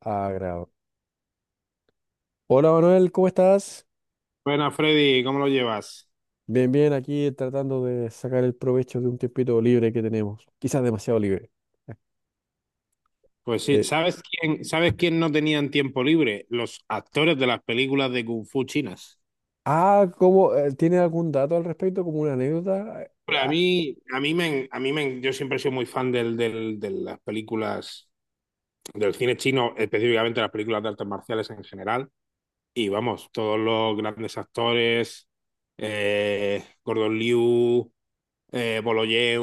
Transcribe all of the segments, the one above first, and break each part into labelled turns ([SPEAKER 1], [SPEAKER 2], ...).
[SPEAKER 1] Ah, grabo. Hola Manuel, ¿cómo estás?
[SPEAKER 2] Buenas, Freddy, ¿cómo lo llevas?
[SPEAKER 1] Bien, bien, aquí tratando de sacar el provecho de un tiempito libre que tenemos. Quizás demasiado libre.
[SPEAKER 2] Pues sí,
[SPEAKER 1] Eh,
[SPEAKER 2] ¿sabes quién no tenían tiempo libre? Los actores de las películas de Kung Fu chinas.
[SPEAKER 1] ah, ¿cómo? ¿Tiene algún dato al respecto? ¿Como una anécdota? Eh,
[SPEAKER 2] Hombre,
[SPEAKER 1] ah,
[SPEAKER 2] yo siempre he sido muy fan de las películas, del cine chino, específicamente las películas de artes marciales en general. Y vamos, todos los grandes actores, Gordon Liu, Boloyev,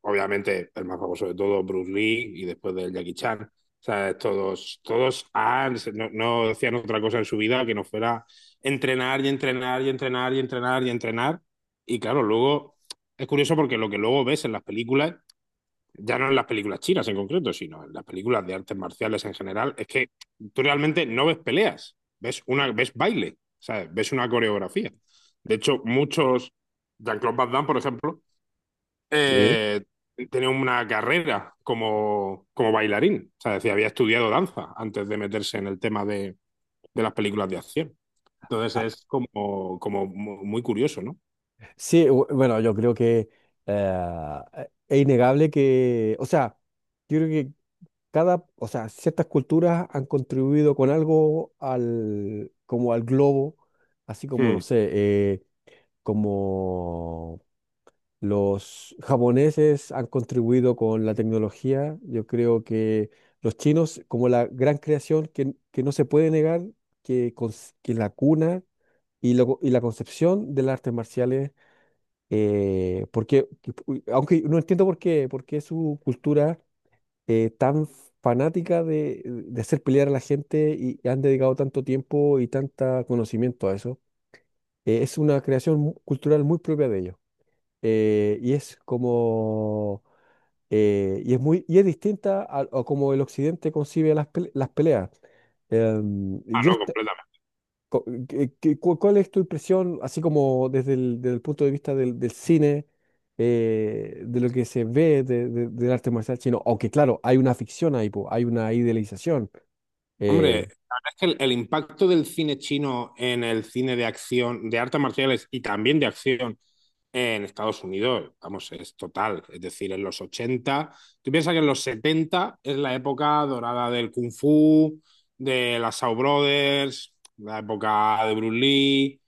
[SPEAKER 2] obviamente el más famoso de todos, Bruce Lee, y después del Jackie Chan. O sea, todos, todos han, no, no hacían otra cosa en su vida que no fuera entrenar y entrenar y entrenar y entrenar y entrenar. Y claro, luego es curioso porque lo que luego ves en las películas, ya no en las películas chinas en concreto, sino en las películas de artes marciales en general, es que tú realmente no ves peleas, ves, una, ves baile, ¿sabes? Ves una coreografía. De hecho, muchos, Jean-Claude Van Damme, por ejemplo,
[SPEAKER 1] sí.
[SPEAKER 2] eh, tenía una carrera como, como bailarín. O sea, decía, había estudiado danza antes de meterse en el tema de las películas de acción. Entonces
[SPEAKER 1] Ah,
[SPEAKER 2] es como, muy curioso, ¿no?
[SPEAKER 1] sí, bueno, yo creo que eh, es innegable que, o sea, yo creo que cada, o sea, ciertas culturas han contribuido con algo al, como al globo, así como, no
[SPEAKER 2] Hmm.
[SPEAKER 1] sé, como los japoneses han contribuido con la tecnología. Yo creo que los chinos, como la gran creación que no se puede negar, que, que la cuna y la concepción de las artes marciales, porque, aunque no entiendo por qué su cultura tan fanática de hacer pelear a la gente y han dedicado tanto tiempo y tanto conocimiento a eso, es una creación cultural muy propia de ellos, y es como y es distinta a como el Occidente concibe las, las peleas. Em,
[SPEAKER 2] Ah,
[SPEAKER 1] yo
[SPEAKER 2] no,
[SPEAKER 1] est- co- que- cu- ¿Cuál es tu impresión, así como desde el punto de vista del, del cine, de lo que se ve del arte marcial chino? Aunque claro, hay una ficción ahí, po, hay una idealización. Eh,
[SPEAKER 2] hombre, la verdad es que el impacto del cine chino en el cine de acción, de artes marciales y también de acción en Estados Unidos, vamos, es total. Es decir, en los 80. Tú piensas que en los 70 es la época dorada del Kung Fu, de las Shaw Brothers, la época de Bruce Lee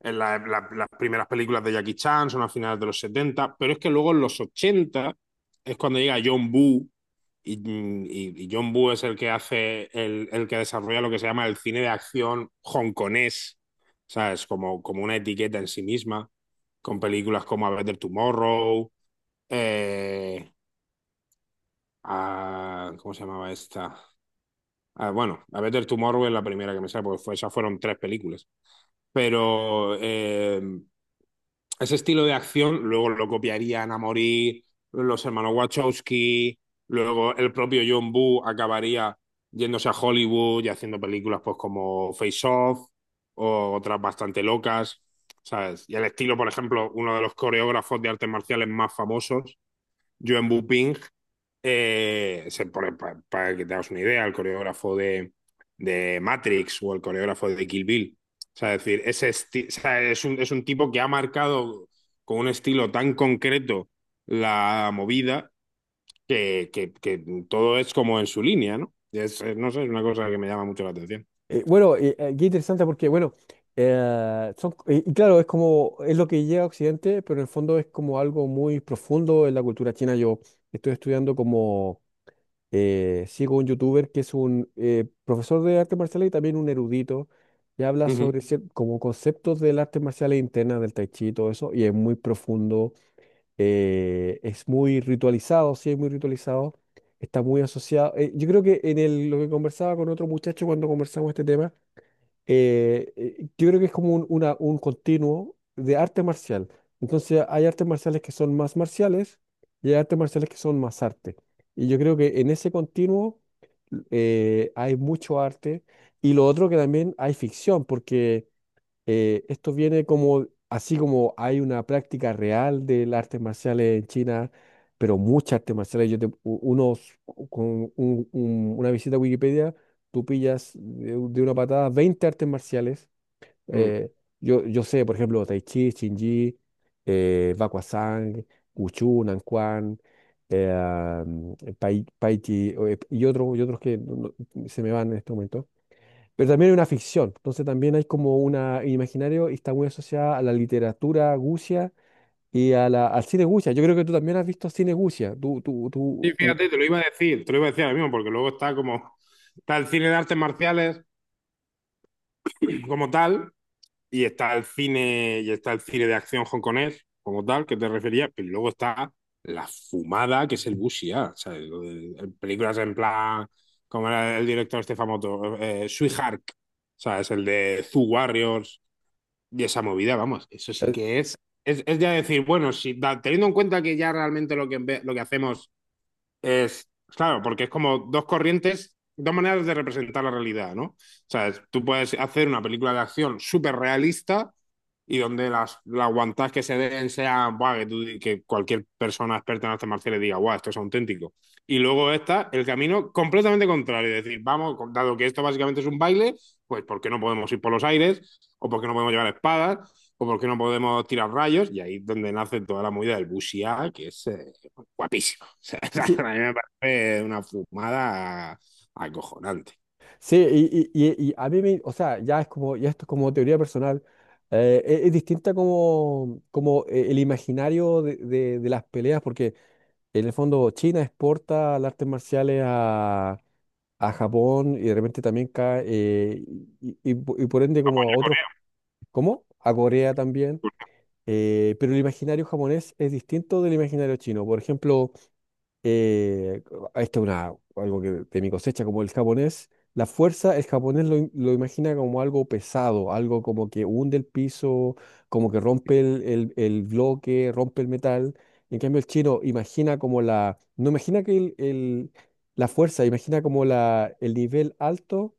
[SPEAKER 2] en las primeras películas de Jackie Chan son a finales de los setenta, pero es que luego en los 80 es cuando llega John Woo y, y John Woo es el que hace, el que desarrolla lo que se llama el cine de acción hongkonés, ¿sabes? Como, como una etiqueta en sí misma, con películas como A Better Tomorrow, eh, ¿cómo se llamaba esta? Ah, bueno, A Better Tomorrow es la primera que me sale, porque fue, esas fueron tres películas. Pero ese estilo de acción luego lo copiarían a morir los hermanos Wachowski, luego el propio John Woo acabaría yéndose a Hollywood y haciendo películas pues como Face Off o otras bastante locas, ¿sabes? Y el estilo, por ejemplo, uno de los coreógrafos de artes marciales más famosos, John Boo Ping, se pone, para que te hagas una idea, el coreógrafo de Matrix o el coreógrafo de Kill Bill. O sea, es decir, o sea, es un tipo que ha marcado con un estilo tan concreto la movida que, que todo es como en su línea, ¿no? Es, no sé, es una cosa que me llama mucho la atención.
[SPEAKER 1] Bueno, Qué interesante porque, bueno, y claro, es como, es lo que llega a Occidente, pero en el fondo es como algo muy profundo en la cultura china. Yo estoy estudiando como, sigo un youtuber que es un profesor de artes marciales y también un erudito, y habla
[SPEAKER 2] Ujú.
[SPEAKER 1] sobre como conceptos del arte marcial e interna, del tai chi y todo eso, y es muy profundo, es muy ritualizado, sí, es muy ritualizado, está muy asociado. Yo creo que en el, lo que conversaba con otro muchacho cuando conversamos este tema, yo creo que es como un, un continuo de arte marcial. Entonces hay artes marciales que son más marciales y hay artes marciales que son más arte. Y yo creo que en ese continuo hay mucho arte. Y lo otro que también hay ficción, porque esto viene como, así como hay una práctica real de las artes marciales en China, pero muchas artes marciales, unos, con una visita a Wikipedia, tú pillas de una patada 20 artes marciales.
[SPEAKER 2] Mm.
[SPEAKER 1] eh, yo sé, por ejemplo, tai chi, Chin Ji, Bakwazang, Wushu, Nanquan, eh, Pai Chi, o, y otros que se me van en este momento. Pero también hay una ficción, entonces también hay como una imaginario y está muy asociada a la literatura gucia y al cine gucia. Yo creo que tú también has visto cine gucia.
[SPEAKER 2] Sí, fíjate, te lo iba a decir, te lo iba a decir ahora mismo, porque luego está como, está el cine de artes marciales como tal, y está el cine, y está el cine de acción hongkonés, como tal, que te refería, pero luego está la fumada, que es el Bushia, ¿sabes? Lo películas en plan, como era el director este famoso, Sweetheart, ¿sabes? El de Zoo Warriors y esa movida, vamos, eso sí
[SPEAKER 1] Eh,
[SPEAKER 2] que es ya decir, bueno, si da- teniendo en cuenta que ya realmente lo que, lo que hacemos es, claro, porque es como dos corrientes, dos maneras de representar la realidad, ¿no? O sea, tú puedes hacer una película de acción súper realista y donde las guantás que se den sean, "Buah", que, que cualquier persona experta en artes marciales diga, guau, esto es auténtico. Y luego está el camino completamente contrario, es decir, vamos, dado que esto básicamente es un baile, pues ¿por qué no podemos ir por los aires? ¿O por qué no podemos llevar espadas? ¿O por qué no podemos tirar rayos? Y ahí es donde nace toda la movida del wuxia, que es, guapísimo. O sea, a
[SPEAKER 1] sí,
[SPEAKER 2] mí me parece una fumada acojonante.
[SPEAKER 1] sí, y a mí me, o sea, ya es como, ya esto es como teoría personal. Es distinta como, como el imaginario de las peleas, porque en el fondo China exporta las artes marciales a Japón y de repente también cae, y por ende como a otros. ¿Cómo? A Corea también. Pero el imaginario japonés es distinto del imaginario chino. Por ejemplo, eh, esto es algo que de mi cosecha, como el japonés, la fuerza, el japonés lo imagina como algo pesado, algo como que hunde el piso, como que rompe el bloque, rompe el metal. En cambio, el chino imagina como no imagina que la fuerza, imagina como el nivel alto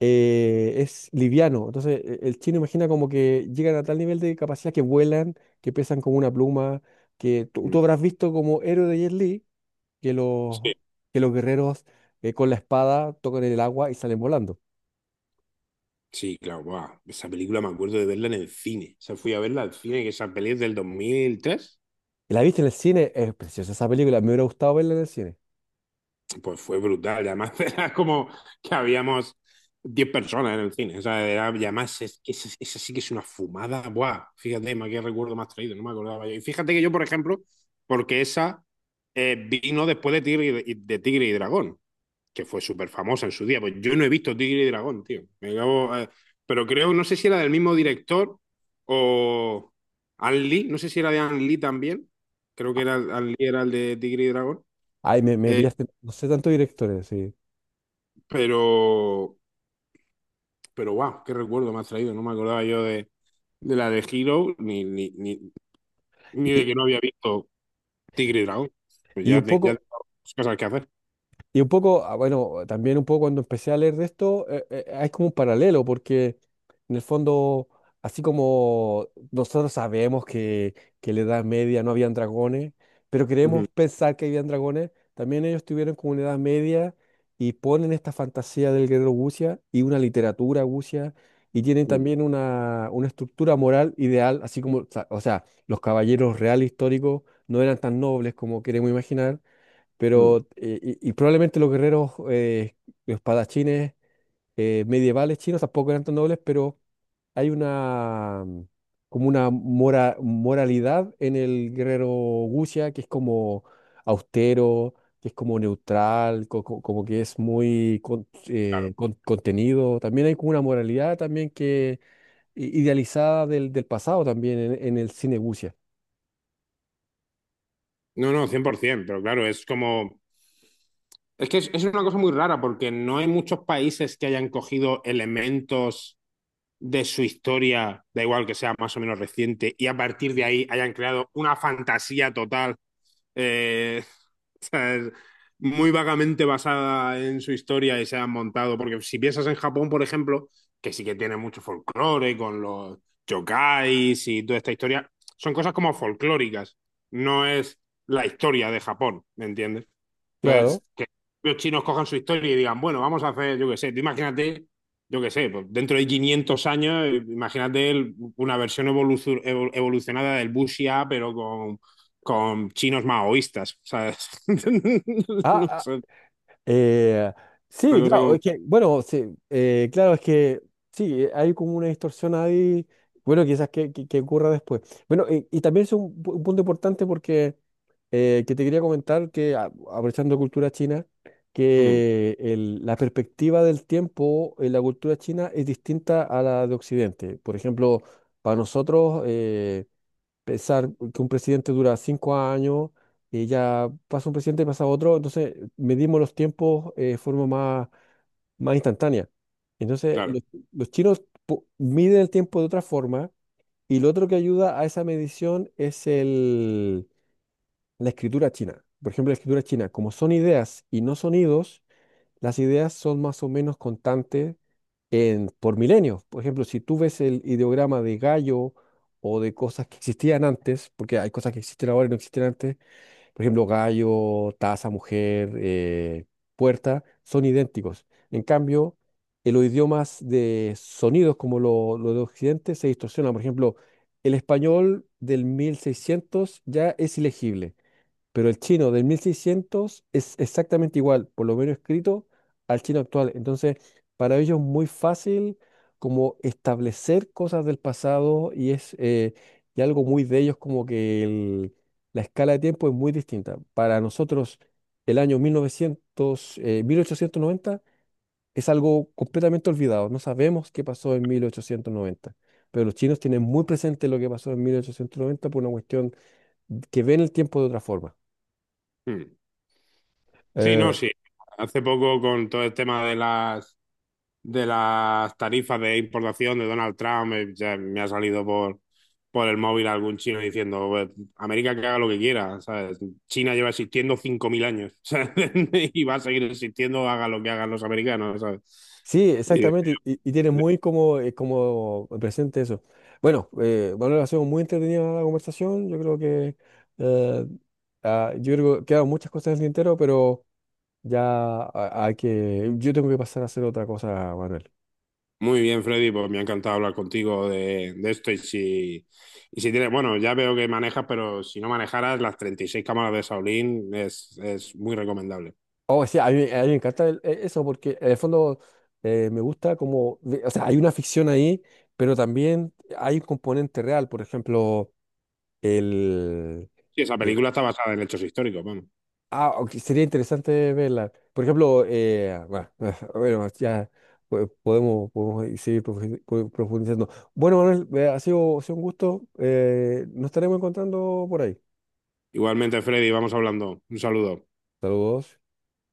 [SPEAKER 1] es liviano. Entonces, el chino imagina como que llegan a tal nivel de capacidad que vuelan, que pesan como una pluma, que tú,
[SPEAKER 2] Mm.
[SPEAKER 1] tú habrás visto como héroe de Jet Li, que los,
[SPEAKER 2] Sí,
[SPEAKER 1] que los guerreros con la espada tocan el agua y salen volando.
[SPEAKER 2] sí, claro, guau. Esa película me acuerdo de verla en el cine. O sea, fui a verla al cine, que esa peli es del 2003,
[SPEAKER 1] Y la viste en el cine, es preciosa esa película, me hubiera gustado verla en el cine.
[SPEAKER 2] pues fue brutal. Y además, era como que habíamos 10 personas en el cine. O sea, era, y además, es, que esa sí que es una fumada, guau. Fíjate, ma, qué recuerdo más traído, no me acordaba yo. Y fíjate que yo, por ejemplo, porque esa vino después de Tigre y, de Tigre y Dragón. Que fue súper famosa en su día. Pues yo no he visto Tigre y Dragón, tío. Me acabo, pero creo, no sé si era del mismo director o An Lee, no sé si era de An Lee también. Creo que era An Lee era el de Tigre y Dragón.
[SPEAKER 1] Ay, me
[SPEAKER 2] Eh,
[SPEAKER 1] pillaste, no sé tantos directores, sí.
[SPEAKER 2] pero, pero wow, qué recuerdo me has traído. No me acordaba yo de la de Hero ni de
[SPEAKER 1] Y,
[SPEAKER 2] que no había visto Tigre y Dragón. Pues
[SPEAKER 1] y
[SPEAKER 2] ya,
[SPEAKER 1] un
[SPEAKER 2] ya
[SPEAKER 1] poco,
[SPEAKER 2] tengo muchas cosas que hacer.
[SPEAKER 1] Y un poco, ah, bueno, también un poco cuando empecé a leer de esto, hay como un paralelo, porque en el fondo, así como nosotros sabemos que en la Edad Media no habían dragones, pero
[SPEAKER 2] Ujú,
[SPEAKER 1] queremos pensar que habían dragones, también ellos tuvieron como una Edad Media y ponen esta fantasía del guerrero Gucia y una literatura Gucia y tienen
[SPEAKER 2] ujú,
[SPEAKER 1] también una estructura moral ideal, así como, o sea, los caballeros reales históricos no eran tan nobles como queremos imaginar
[SPEAKER 2] ujú.
[SPEAKER 1] pero, y probablemente los guerreros, los espadachines medievales chinos tampoco eran tan nobles, pero hay como una moralidad en el guerrero Wuxia que es como austero, que es como neutral, como que es muy contenido. También hay como una moralidad también que idealizada del, del pasado también en el cine Wuxia.
[SPEAKER 2] No, no, 100%, pero claro, es como... Es que es una cosa muy rara porque no hay muchos países que hayan cogido elementos de su historia, da igual que sea más o menos reciente, y a partir de ahí hayan creado una fantasía total eh, O sea, es muy vagamente basada en su historia y se han montado. Porque si piensas en Japón, por ejemplo, que sí que tiene mucho folclore con los yokais y toda esta historia, son cosas como folclóricas. No es la historia de Japón, ¿me entiendes?
[SPEAKER 1] Claro.
[SPEAKER 2] Entonces, que los chinos cojan su historia y digan, bueno, vamos a hacer, yo qué sé, tú imagínate, yo qué sé, pues dentro de 500 años, imagínate una versión evolucionada del Wuxia, pero con chinos maoístas, ¿sabes? No
[SPEAKER 1] Ah,
[SPEAKER 2] sé,
[SPEAKER 1] Eh,
[SPEAKER 2] una
[SPEAKER 1] sí,
[SPEAKER 2] cosa
[SPEAKER 1] claro,
[SPEAKER 2] como...
[SPEAKER 1] es que, bueno, sí, claro, es que sí, hay como una distorsión ahí, bueno, quizás que, que ocurra después. Bueno, y también es un punto importante porque que te quería comentar que, aprovechando cultura china,
[SPEAKER 2] Mm,
[SPEAKER 1] que la perspectiva del tiempo en la cultura china es distinta a la de Occidente. Por ejemplo, para nosotros, pensar que un presidente dura 5 años y ya pasa un presidente y pasa otro, entonces medimos los tiempos de forma más instantánea. Entonces,
[SPEAKER 2] claro.
[SPEAKER 1] los chinos miden el tiempo de otra forma y lo otro que ayuda a esa medición es la escritura china. Por ejemplo, la escritura china, como son ideas y no sonidos, las ideas son más o menos constantes por milenios. Por ejemplo, si tú ves el ideograma de gallo o de cosas que existían antes, porque hay cosas que existen ahora y no existían antes, por ejemplo, gallo, taza, mujer, puerta, son idénticos. En cambio, en los idiomas de sonidos como lo de Occidente se distorsiona. Por ejemplo, el español del 1600 ya es ilegible. Pero el chino del 1600 es exactamente igual, por lo menos escrito, al chino actual. Entonces, para ellos es muy fácil como establecer cosas del pasado y es y algo muy de ellos como que la escala de tiempo es muy distinta. Para nosotros, el año 1900, 1890 es algo completamente olvidado. No sabemos qué pasó en 1890. Pero los chinos tienen muy presente lo que pasó en 1890 por una cuestión que ven el tiempo de otra forma.
[SPEAKER 2] Mm. Sí,
[SPEAKER 1] Eh,
[SPEAKER 2] no, sí. Hace poco con todo el tema de las tarifas de importación de Donald Trump, ya me ha salido por el móvil algún chino diciendo, "Pues, América que haga lo que quiera, ¿sabes? China lleva existiendo 5000 años, ¿sabes? Y va a seguir existiendo, haga lo que hagan los americanos, ¿sabes?
[SPEAKER 1] Sí,
[SPEAKER 2] Y,
[SPEAKER 1] exactamente, y tiene muy como, como presente eso. Bueno, Manuel, ha sido muy entretenida la conversación, eh, yo creo que quedan muchas cosas en el tintero, pero ya hay que, yo tengo que pasar a hacer otra cosa, Manuel.
[SPEAKER 2] muy bien, Freddy, pues me ha encantado hablar contigo de esto. Y si tienes, bueno, ya veo que manejas, pero si no manejaras, las 36 cámaras de Shaolin es muy recomendable.
[SPEAKER 1] Oh, sí, a mí me encanta eso, porque en el fondo me gusta como, o sea, hay una ficción ahí, pero también hay un componente real, por ejemplo, el...
[SPEAKER 2] Sí, esa
[SPEAKER 1] eh,
[SPEAKER 2] película está basada en hechos históricos, bueno.
[SPEAKER 1] Ah, ok, sería interesante verla. Por ejemplo, bueno, bueno, ya podemos seguir profundizando. Bueno, Manuel, ha sido un gusto. Nos estaremos encontrando por ahí.
[SPEAKER 2] Igualmente, Freddy, vamos hablando. Un saludo.
[SPEAKER 1] Saludos.